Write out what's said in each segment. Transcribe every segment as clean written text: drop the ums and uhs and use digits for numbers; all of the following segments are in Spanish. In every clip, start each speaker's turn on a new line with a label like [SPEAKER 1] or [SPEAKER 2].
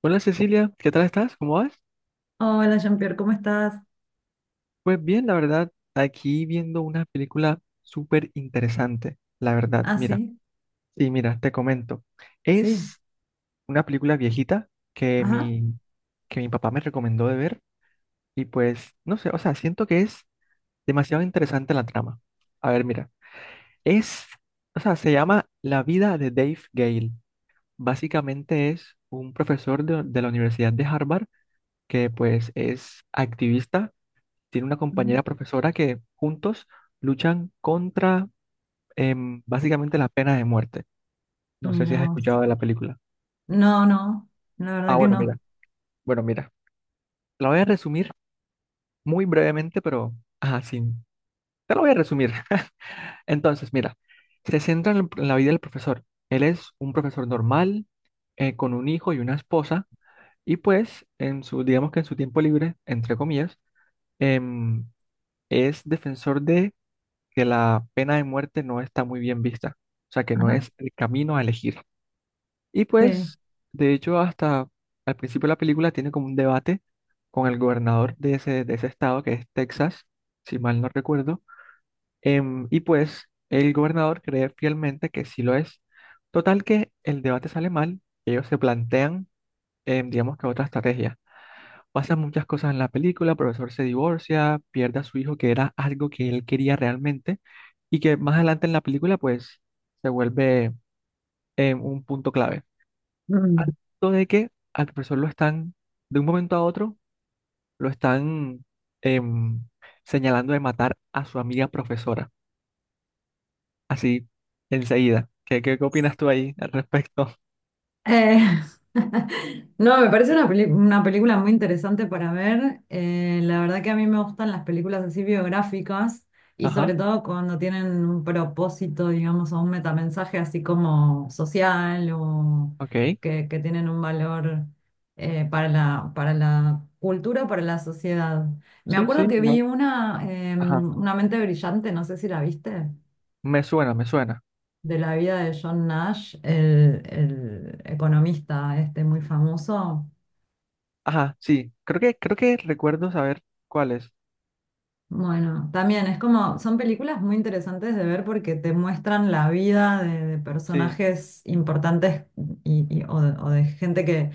[SPEAKER 1] Hola Cecilia, ¿qué tal estás? ¿Cómo vas?
[SPEAKER 2] Hola, Jean-Pierre, ¿cómo estás?
[SPEAKER 1] Pues bien, la verdad, aquí viendo una película súper interesante, la verdad,
[SPEAKER 2] Ah,
[SPEAKER 1] mira,
[SPEAKER 2] sí,
[SPEAKER 1] sí, mira, te comento.
[SPEAKER 2] sí,
[SPEAKER 1] Es una película viejita que
[SPEAKER 2] ajá.
[SPEAKER 1] mi, que mi papá me recomendó de ver y pues, no sé, o sea, siento que es demasiado interesante la trama. A ver, mira, es, o sea, se llama La vida de Dave Gale. Básicamente es un profesor de la Universidad de Harvard que pues es activista, tiene una compañera
[SPEAKER 2] mm,
[SPEAKER 1] profesora que juntos luchan contra básicamente la pena de muerte. No sé si
[SPEAKER 2] Mira
[SPEAKER 1] has
[SPEAKER 2] vos.
[SPEAKER 1] escuchado de la película.
[SPEAKER 2] No, no, la
[SPEAKER 1] Ah,
[SPEAKER 2] verdad que
[SPEAKER 1] bueno, mira,
[SPEAKER 2] no.
[SPEAKER 1] bueno, mira. La voy a resumir muy brevemente, pero ajá, sí. Te la voy a resumir. Entonces, mira, se centra en, en la vida del profesor. Él es un profesor normal, con un hijo y una esposa, y pues, en su, digamos que en su tiempo libre, entre comillas, em, es defensor de que la pena de muerte no está muy bien vista, o sea, que no
[SPEAKER 2] Ajá,
[SPEAKER 1] es el camino a elegir. Y
[SPEAKER 2] sí.
[SPEAKER 1] pues, de hecho, hasta al principio de la película tiene como un debate con el gobernador de ese, estado, que es Texas, si mal no recuerdo, y pues el gobernador cree fielmente que sí lo es. Total que el debate sale mal, ellos se plantean, digamos que otra estrategia. Pasan muchas cosas en la película, el profesor se divorcia, pierde a su hijo, que era algo que él quería realmente, y que más adelante en la película, pues, se vuelve un punto clave. Al
[SPEAKER 2] Mm.
[SPEAKER 1] punto de que al profesor lo están, de un momento a otro, lo están em, señalando de matar a su amiga profesora, así, enseguida. ¿Qué opinas tú ahí al respecto?
[SPEAKER 2] Eh, no, me parece una película muy interesante para ver. La verdad que a mí me gustan las películas así biográficas y
[SPEAKER 1] Ajá,
[SPEAKER 2] sobre todo cuando tienen un propósito, digamos, o un metamensaje así como social o
[SPEAKER 1] ok.
[SPEAKER 2] que tienen un valor para la cultura, para la sociedad. Me
[SPEAKER 1] Sí,
[SPEAKER 2] acuerdo
[SPEAKER 1] sí,
[SPEAKER 2] que
[SPEAKER 1] no.
[SPEAKER 2] vi
[SPEAKER 1] Ajá,
[SPEAKER 2] Una mente brillante, no sé si la viste,
[SPEAKER 1] me suena, me suena.
[SPEAKER 2] de la vida de John Nash, el economista este muy famoso.
[SPEAKER 1] Ajá, sí, creo que recuerdo saber cuál es.
[SPEAKER 2] Bueno, también es como, son películas muy interesantes de ver porque te muestran la vida de
[SPEAKER 1] Sí,
[SPEAKER 2] personajes importantes o, o de gente que,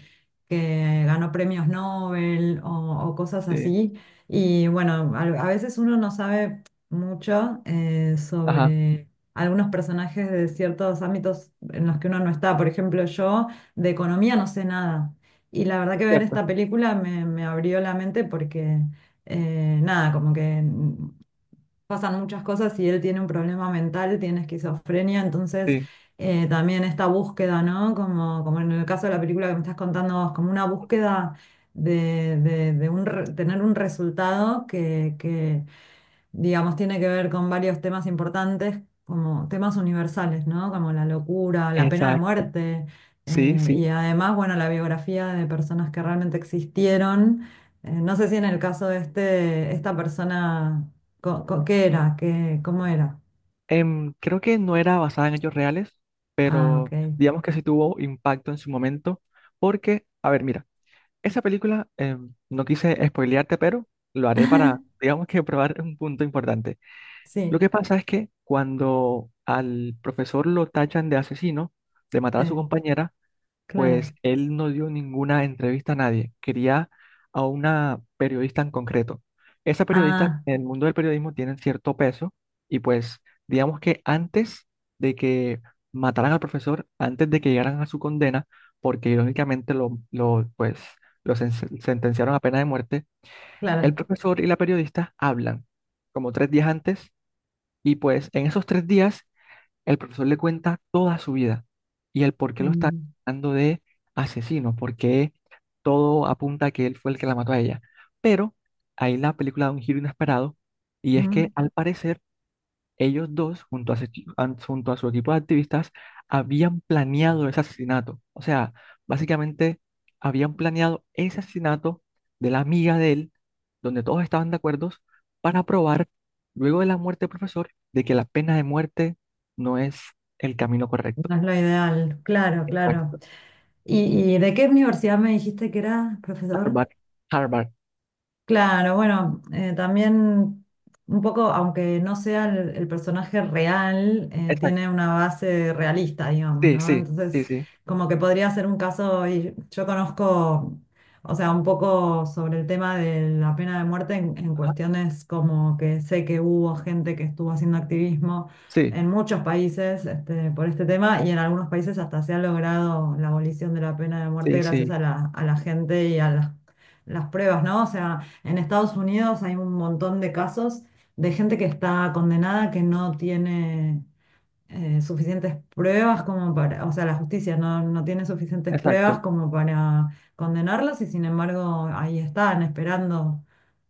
[SPEAKER 2] que ganó premios Nobel o cosas
[SPEAKER 1] sí,
[SPEAKER 2] así. Y bueno, a veces uno no sabe mucho
[SPEAKER 1] ajá,
[SPEAKER 2] sobre algunos personajes de ciertos ámbitos en los que uno no está. Por ejemplo, yo de economía no sé nada. Y la verdad que ver
[SPEAKER 1] cierto,
[SPEAKER 2] esta película me abrió la mente porque nada, como que pasan muchas cosas y él tiene un problema mental, tiene esquizofrenia. Entonces
[SPEAKER 1] sí,
[SPEAKER 2] también esta búsqueda, ¿no? Como en el caso de la película que me estás contando vos, como una búsqueda tener un resultado que digamos, tiene que ver con varios temas importantes, como temas universales, ¿no? Como la locura, la pena de
[SPEAKER 1] exacto,
[SPEAKER 2] muerte,
[SPEAKER 1] sí,
[SPEAKER 2] y
[SPEAKER 1] sí.
[SPEAKER 2] además, bueno, la biografía de personas que realmente existieron. No sé si en el caso de esta persona, ¿qué era? ¿ cómo era?
[SPEAKER 1] Creo que no era basada en hechos reales,
[SPEAKER 2] Ah, ok.
[SPEAKER 1] pero digamos que sí tuvo impacto en su momento, porque, a ver, mira, esa película, no quise spoilearte, pero lo haré para, digamos que probar un punto importante. Lo
[SPEAKER 2] Sí,
[SPEAKER 1] que pasa es que cuando al profesor lo tachan de asesino, de matar a su
[SPEAKER 2] sí,
[SPEAKER 1] compañera, pues
[SPEAKER 2] claro.
[SPEAKER 1] él no dio ninguna entrevista a nadie, quería a una periodista en concreto. Esa periodista
[SPEAKER 2] Ah,
[SPEAKER 1] en el mundo del periodismo tienen cierto peso y pues digamos que antes de que mataran al profesor, antes de que llegaran a su condena, porque irónicamente lo, pues, lo sentenciaron a pena de muerte. El
[SPEAKER 2] claro.
[SPEAKER 1] profesor y la periodista hablan como 3 días antes y pues en esos 3 días el profesor le cuenta toda su vida y el por qué lo está
[SPEAKER 2] Mm,
[SPEAKER 1] tratando de asesino, porque todo apunta a que él fue el que la mató a ella. Pero ahí la película da un giro inesperado y es que
[SPEAKER 2] mm,
[SPEAKER 1] al parecer ellos dos, junto a su equipo de activistas, habían planeado ese asesinato. O sea, básicamente habían planeado ese asesinato de la amiga de él, donde todos estaban de acuerdo, para probar, luego de la muerte del profesor, de que la pena de muerte no es el camino correcto.
[SPEAKER 2] No es lo ideal, claro,
[SPEAKER 1] Exacto.
[SPEAKER 2] claro. ¿Y de qué universidad me dijiste que era, profesor?
[SPEAKER 1] Harvard, Harvard,
[SPEAKER 2] Claro, bueno, también un poco, aunque no sea el personaje real, tiene
[SPEAKER 1] exacto.
[SPEAKER 2] una base realista, digamos,
[SPEAKER 1] Sí,
[SPEAKER 2] ¿no?
[SPEAKER 1] sí, sí,
[SPEAKER 2] Entonces,
[SPEAKER 1] sí.
[SPEAKER 2] como que podría ser un caso, y yo conozco, o sea, un poco sobre el tema de la pena de muerte en
[SPEAKER 1] Ajá.
[SPEAKER 2] cuestiones como que sé que hubo gente que estuvo haciendo activismo
[SPEAKER 1] Sí,
[SPEAKER 2] en muchos países, este, por este tema, y en algunos países hasta se ha logrado la abolición de la pena de muerte
[SPEAKER 1] sí,
[SPEAKER 2] gracias
[SPEAKER 1] sí,
[SPEAKER 2] a la gente y a las pruebas, ¿no? O sea, en Estados Unidos hay un montón de casos de gente que está condenada que no tiene suficientes pruebas como para, o sea, la justicia no tiene suficientes pruebas
[SPEAKER 1] exacto.
[SPEAKER 2] como para condenarlos, y sin embargo ahí están esperando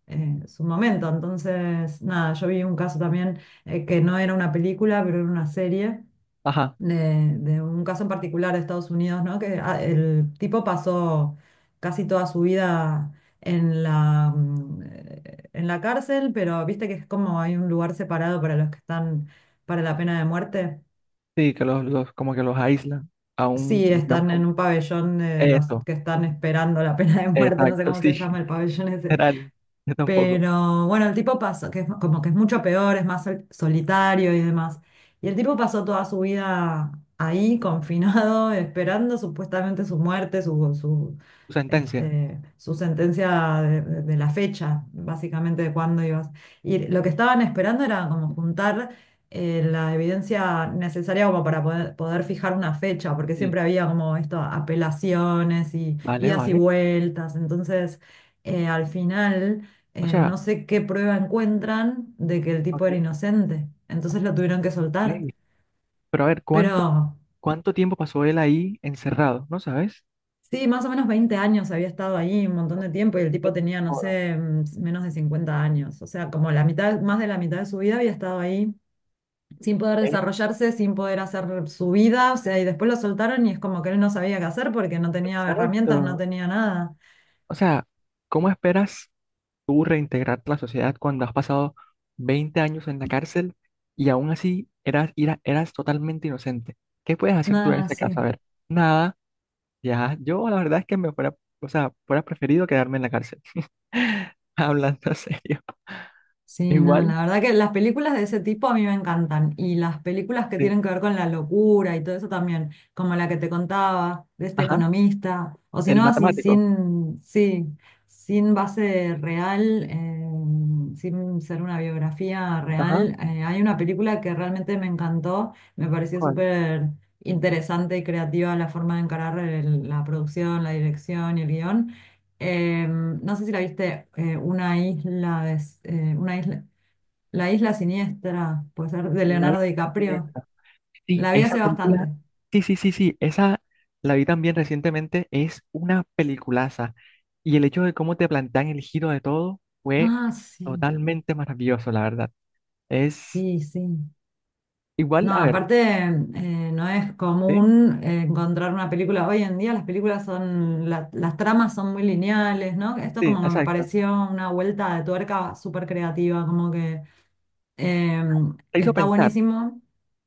[SPEAKER 2] su momento. Entonces, nada, yo vi un caso también que no era una película, pero era una serie
[SPEAKER 1] Ajá.
[SPEAKER 2] de un caso en particular de Estados Unidos, ¿no? Que el tipo pasó casi toda su vida en la, mm, eh, en la cárcel, pero viste que es como hay un lugar separado para los que están para la pena de muerte.
[SPEAKER 1] Sí, que los como que los aíslan a un,
[SPEAKER 2] Sí,
[SPEAKER 1] digamos,
[SPEAKER 2] están en un pabellón de los
[SPEAKER 1] eso.
[SPEAKER 2] que están esperando la pena de muerte, no sé
[SPEAKER 1] Exacto,
[SPEAKER 2] cómo
[SPEAKER 1] sí,
[SPEAKER 2] se llama el pabellón ese.
[SPEAKER 1] literal. Yo tampoco.
[SPEAKER 2] Pero bueno, el tipo pasó, que es como que es mucho peor, es más solitario y demás. Y el tipo pasó toda su vida ahí, confinado, esperando supuestamente su muerte,
[SPEAKER 1] Tu sentencia.
[SPEAKER 2] su sentencia de la fecha, básicamente de cuándo ibas. Y lo que estaban esperando era como juntar la evidencia necesaria como para poder fijar una fecha, porque
[SPEAKER 1] Sí,
[SPEAKER 2] siempre había como esto, apelaciones y
[SPEAKER 1] vale,
[SPEAKER 2] idas y
[SPEAKER 1] vale.
[SPEAKER 2] vueltas. Entonces al final
[SPEAKER 1] O sea,
[SPEAKER 2] no sé qué prueba encuentran de que el tipo
[SPEAKER 1] ok.
[SPEAKER 2] era inocente. Entonces lo tuvieron que soltar.
[SPEAKER 1] Ey, pero a ver,
[SPEAKER 2] Pero
[SPEAKER 1] ¿cuánto tiempo pasó él ahí encerrado? ¿No sabes?
[SPEAKER 2] sí, más o menos 20 años había estado ahí, un montón de tiempo, y el
[SPEAKER 1] Eh,
[SPEAKER 2] tipo tenía, no
[SPEAKER 1] Joda.
[SPEAKER 2] sé, menos de 50 años. O sea, como la mitad, más de la mitad de su vida había estado ahí sin poder
[SPEAKER 1] eh,
[SPEAKER 2] desarrollarse, sin poder hacer su vida. O sea, y después lo soltaron y es como que él no sabía qué hacer porque no tenía herramientas, no
[SPEAKER 1] Exacto.
[SPEAKER 2] tenía nada.
[SPEAKER 1] O sea, ¿cómo esperas tú reintegrarte a la sociedad cuando has pasado 20 años en la cárcel y aún así eras totalmente inocente? ¿Qué puedes hacer tú en
[SPEAKER 2] Nada,
[SPEAKER 1] ese caso?
[SPEAKER 2] sí.
[SPEAKER 1] A ver, nada, ya, yo la verdad es que me fuera, o sea, fuera preferido quedarme en la cárcel. Hablando en serio.
[SPEAKER 2] Sí, no,
[SPEAKER 1] Igual,
[SPEAKER 2] la verdad que las películas de ese tipo a mí me encantan, y las películas que
[SPEAKER 1] sí.
[SPEAKER 2] tienen que ver con la locura y todo eso también, como la que te contaba de este
[SPEAKER 1] Ajá,
[SPEAKER 2] economista. O si
[SPEAKER 1] el
[SPEAKER 2] no, así
[SPEAKER 1] matemático.
[SPEAKER 2] sin, sí, sin base real, sin ser una biografía
[SPEAKER 1] Ajá,
[SPEAKER 2] real, hay una película que realmente me encantó, me pareció
[SPEAKER 1] ¿cuál?
[SPEAKER 2] súper interesante y creativa la forma de encarar la producción, la dirección y el guión. No sé si la viste, una isla de, una isla, La isla siniestra, puede ser, de
[SPEAKER 1] Night
[SPEAKER 2] Leonardo
[SPEAKER 1] Shyamalan.
[SPEAKER 2] DiCaprio.
[SPEAKER 1] Sí,
[SPEAKER 2] La vi
[SPEAKER 1] esa
[SPEAKER 2] hace
[SPEAKER 1] película,
[SPEAKER 2] bastante.
[SPEAKER 1] sí, sí, sí, sí, esa la vi también recientemente, es una peliculaza. Y el hecho de cómo te plantean el giro de todo fue
[SPEAKER 2] Ah, sí,
[SPEAKER 1] totalmente maravilloso, la verdad. Es
[SPEAKER 2] sí, sí.
[SPEAKER 1] igual,
[SPEAKER 2] No,
[SPEAKER 1] a ver,
[SPEAKER 2] aparte, no es
[SPEAKER 1] sí,
[SPEAKER 2] común encontrar una película. Hoy en día las películas son, las tramas son muy lineales, ¿no? Esto
[SPEAKER 1] sí,
[SPEAKER 2] como que me
[SPEAKER 1] exacto.
[SPEAKER 2] pareció una vuelta de tuerca súper creativa, como que
[SPEAKER 1] Te hizo
[SPEAKER 2] está
[SPEAKER 1] pensar,
[SPEAKER 2] buenísimo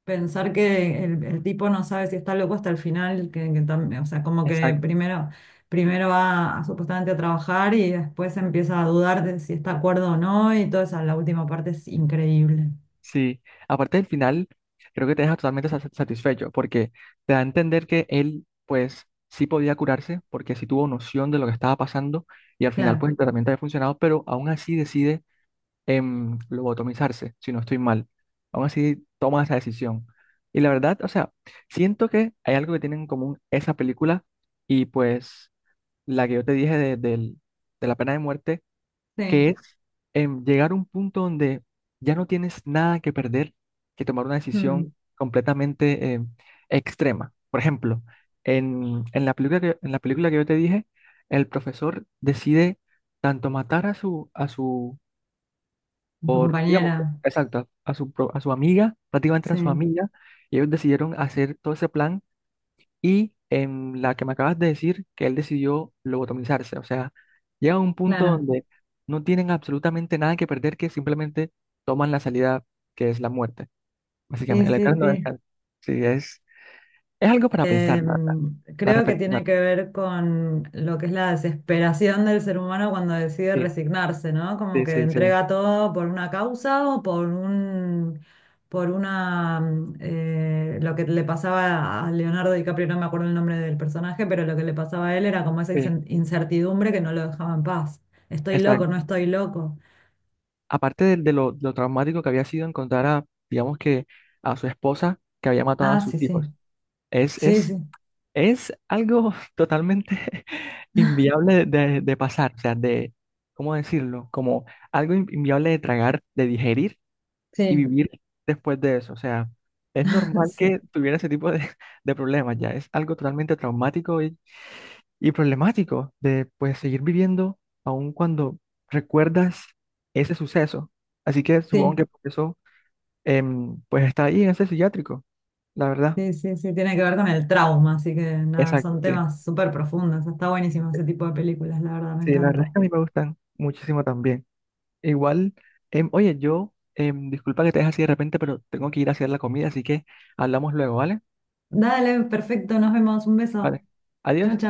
[SPEAKER 2] pensar que el tipo no sabe si está loco hasta el final, que o sea, como que
[SPEAKER 1] exacto.
[SPEAKER 2] primero, primero supuestamente a trabajar, y después empieza a dudar de si está de acuerdo o no, y la última parte es increíble.
[SPEAKER 1] Sí, aparte del final, creo que te deja totalmente satisfecho, porque te da a entender que él, pues, sí podía curarse porque sí tuvo noción de lo que estaba pasando y al final, pues,
[SPEAKER 2] Claro,
[SPEAKER 1] el tratamiento había funcionado, pero aún así decide lobotomizarse, si no estoy mal. Aún así toma esa decisión. Y la verdad, o sea, siento que hay algo que tienen en común esa película y pues la que yo te dije de la pena de muerte, que
[SPEAKER 2] sí.
[SPEAKER 1] es llegar a un punto donde ya no tienes nada que perder, que tomar una decisión
[SPEAKER 2] Mm,
[SPEAKER 1] completamente extrema. Por ejemplo, en la película que yo te dije, el profesor decide tanto matar a su,
[SPEAKER 2] Su
[SPEAKER 1] por, digamos,
[SPEAKER 2] compañera,
[SPEAKER 1] exacto, a su amiga, prácticamente a
[SPEAKER 2] sí,
[SPEAKER 1] su amiga, y ellos decidieron hacer todo ese plan y en la que me acabas de decir que él decidió lobotomizarse. O sea, llega a un punto
[SPEAKER 2] claro.
[SPEAKER 1] donde no tienen absolutamente nada que perder, que simplemente toman la salida que es la muerte,
[SPEAKER 2] Sí,
[SPEAKER 1] básicamente, el
[SPEAKER 2] sí,
[SPEAKER 1] eterno
[SPEAKER 2] sí.
[SPEAKER 1] descanso. Sí, es algo para pensar,
[SPEAKER 2] Eh,
[SPEAKER 1] la verdad, para
[SPEAKER 2] creo que tiene
[SPEAKER 1] reflexionar.
[SPEAKER 2] que ver con lo que es la desesperación del ser humano cuando decide
[SPEAKER 1] Sí,
[SPEAKER 2] resignarse, ¿no? Como
[SPEAKER 1] sí,
[SPEAKER 2] que
[SPEAKER 1] sí, sí,
[SPEAKER 2] entrega todo por una causa o por un, por una, mm, lo que le pasaba a Leonardo DiCaprio, no me acuerdo el nombre del personaje, pero lo que le pasaba a él era como esa
[SPEAKER 1] sí,
[SPEAKER 2] incertidumbre que no lo dejaba en paz. Estoy loco, no
[SPEAKER 1] exacto.
[SPEAKER 2] estoy loco.
[SPEAKER 1] Aparte de lo traumático que había sido encontrar a, digamos que, a su esposa que había matado a
[SPEAKER 2] Ah,
[SPEAKER 1] sus
[SPEAKER 2] sí, sí,
[SPEAKER 1] hijos. Es,
[SPEAKER 2] sí,
[SPEAKER 1] es
[SPEAKER 2] sí,
[SPEAKER 1] Es algo totalmente inviable de pasar, o sea, ¿cómo decirlo? Como algo inviable de tragar, de digerir y
[SPEAKER 2] sí,
[SPEAKER 1] vivir después de eso. O sea, es normal
[SPEAKER 2] sí,
[SPEAKER 1] que tuviera ese tipo de, de problemas ya. Es algo totalmente traumático y problemático de, pues, seguir viviendo aun cuando recuerdas ese suceso. Así que supongo
[SPEAKER 2] sí.
[SPEAKER 1] que por eso, pues, está ahí en ese psiquiátrico, la verdad.
[SPEAKER 2] Sí, sí, sí, tiene que ver con el trauma, así que nada,
[SPEAKER 1] Exacto,
[SPEAKER 2] son
[SPEAKER 1] sí.
[SPEAKER 2] temas súper profundos. Está buenísimo ese tipo de películas, la verdad, me
[SPEAKER 1] Sí, la verdad es
[SPEAKER 2] encanta.
[SPEAKER 1] que a mí me gustan muchísimo también. Igual, oye, yo, disculpa que te deje así de repente, pero tengo que ir a hacer la comida, así que hablamos luego, ¿vale?
[SPEAKER 2] Dale, perfecto, nos vemos, un beso.
[SPEAKER 1] Vale.
[SPEAKER 2] Chao,
[SPEAKER 1] Adiós.
[SPEAKER 2] chao.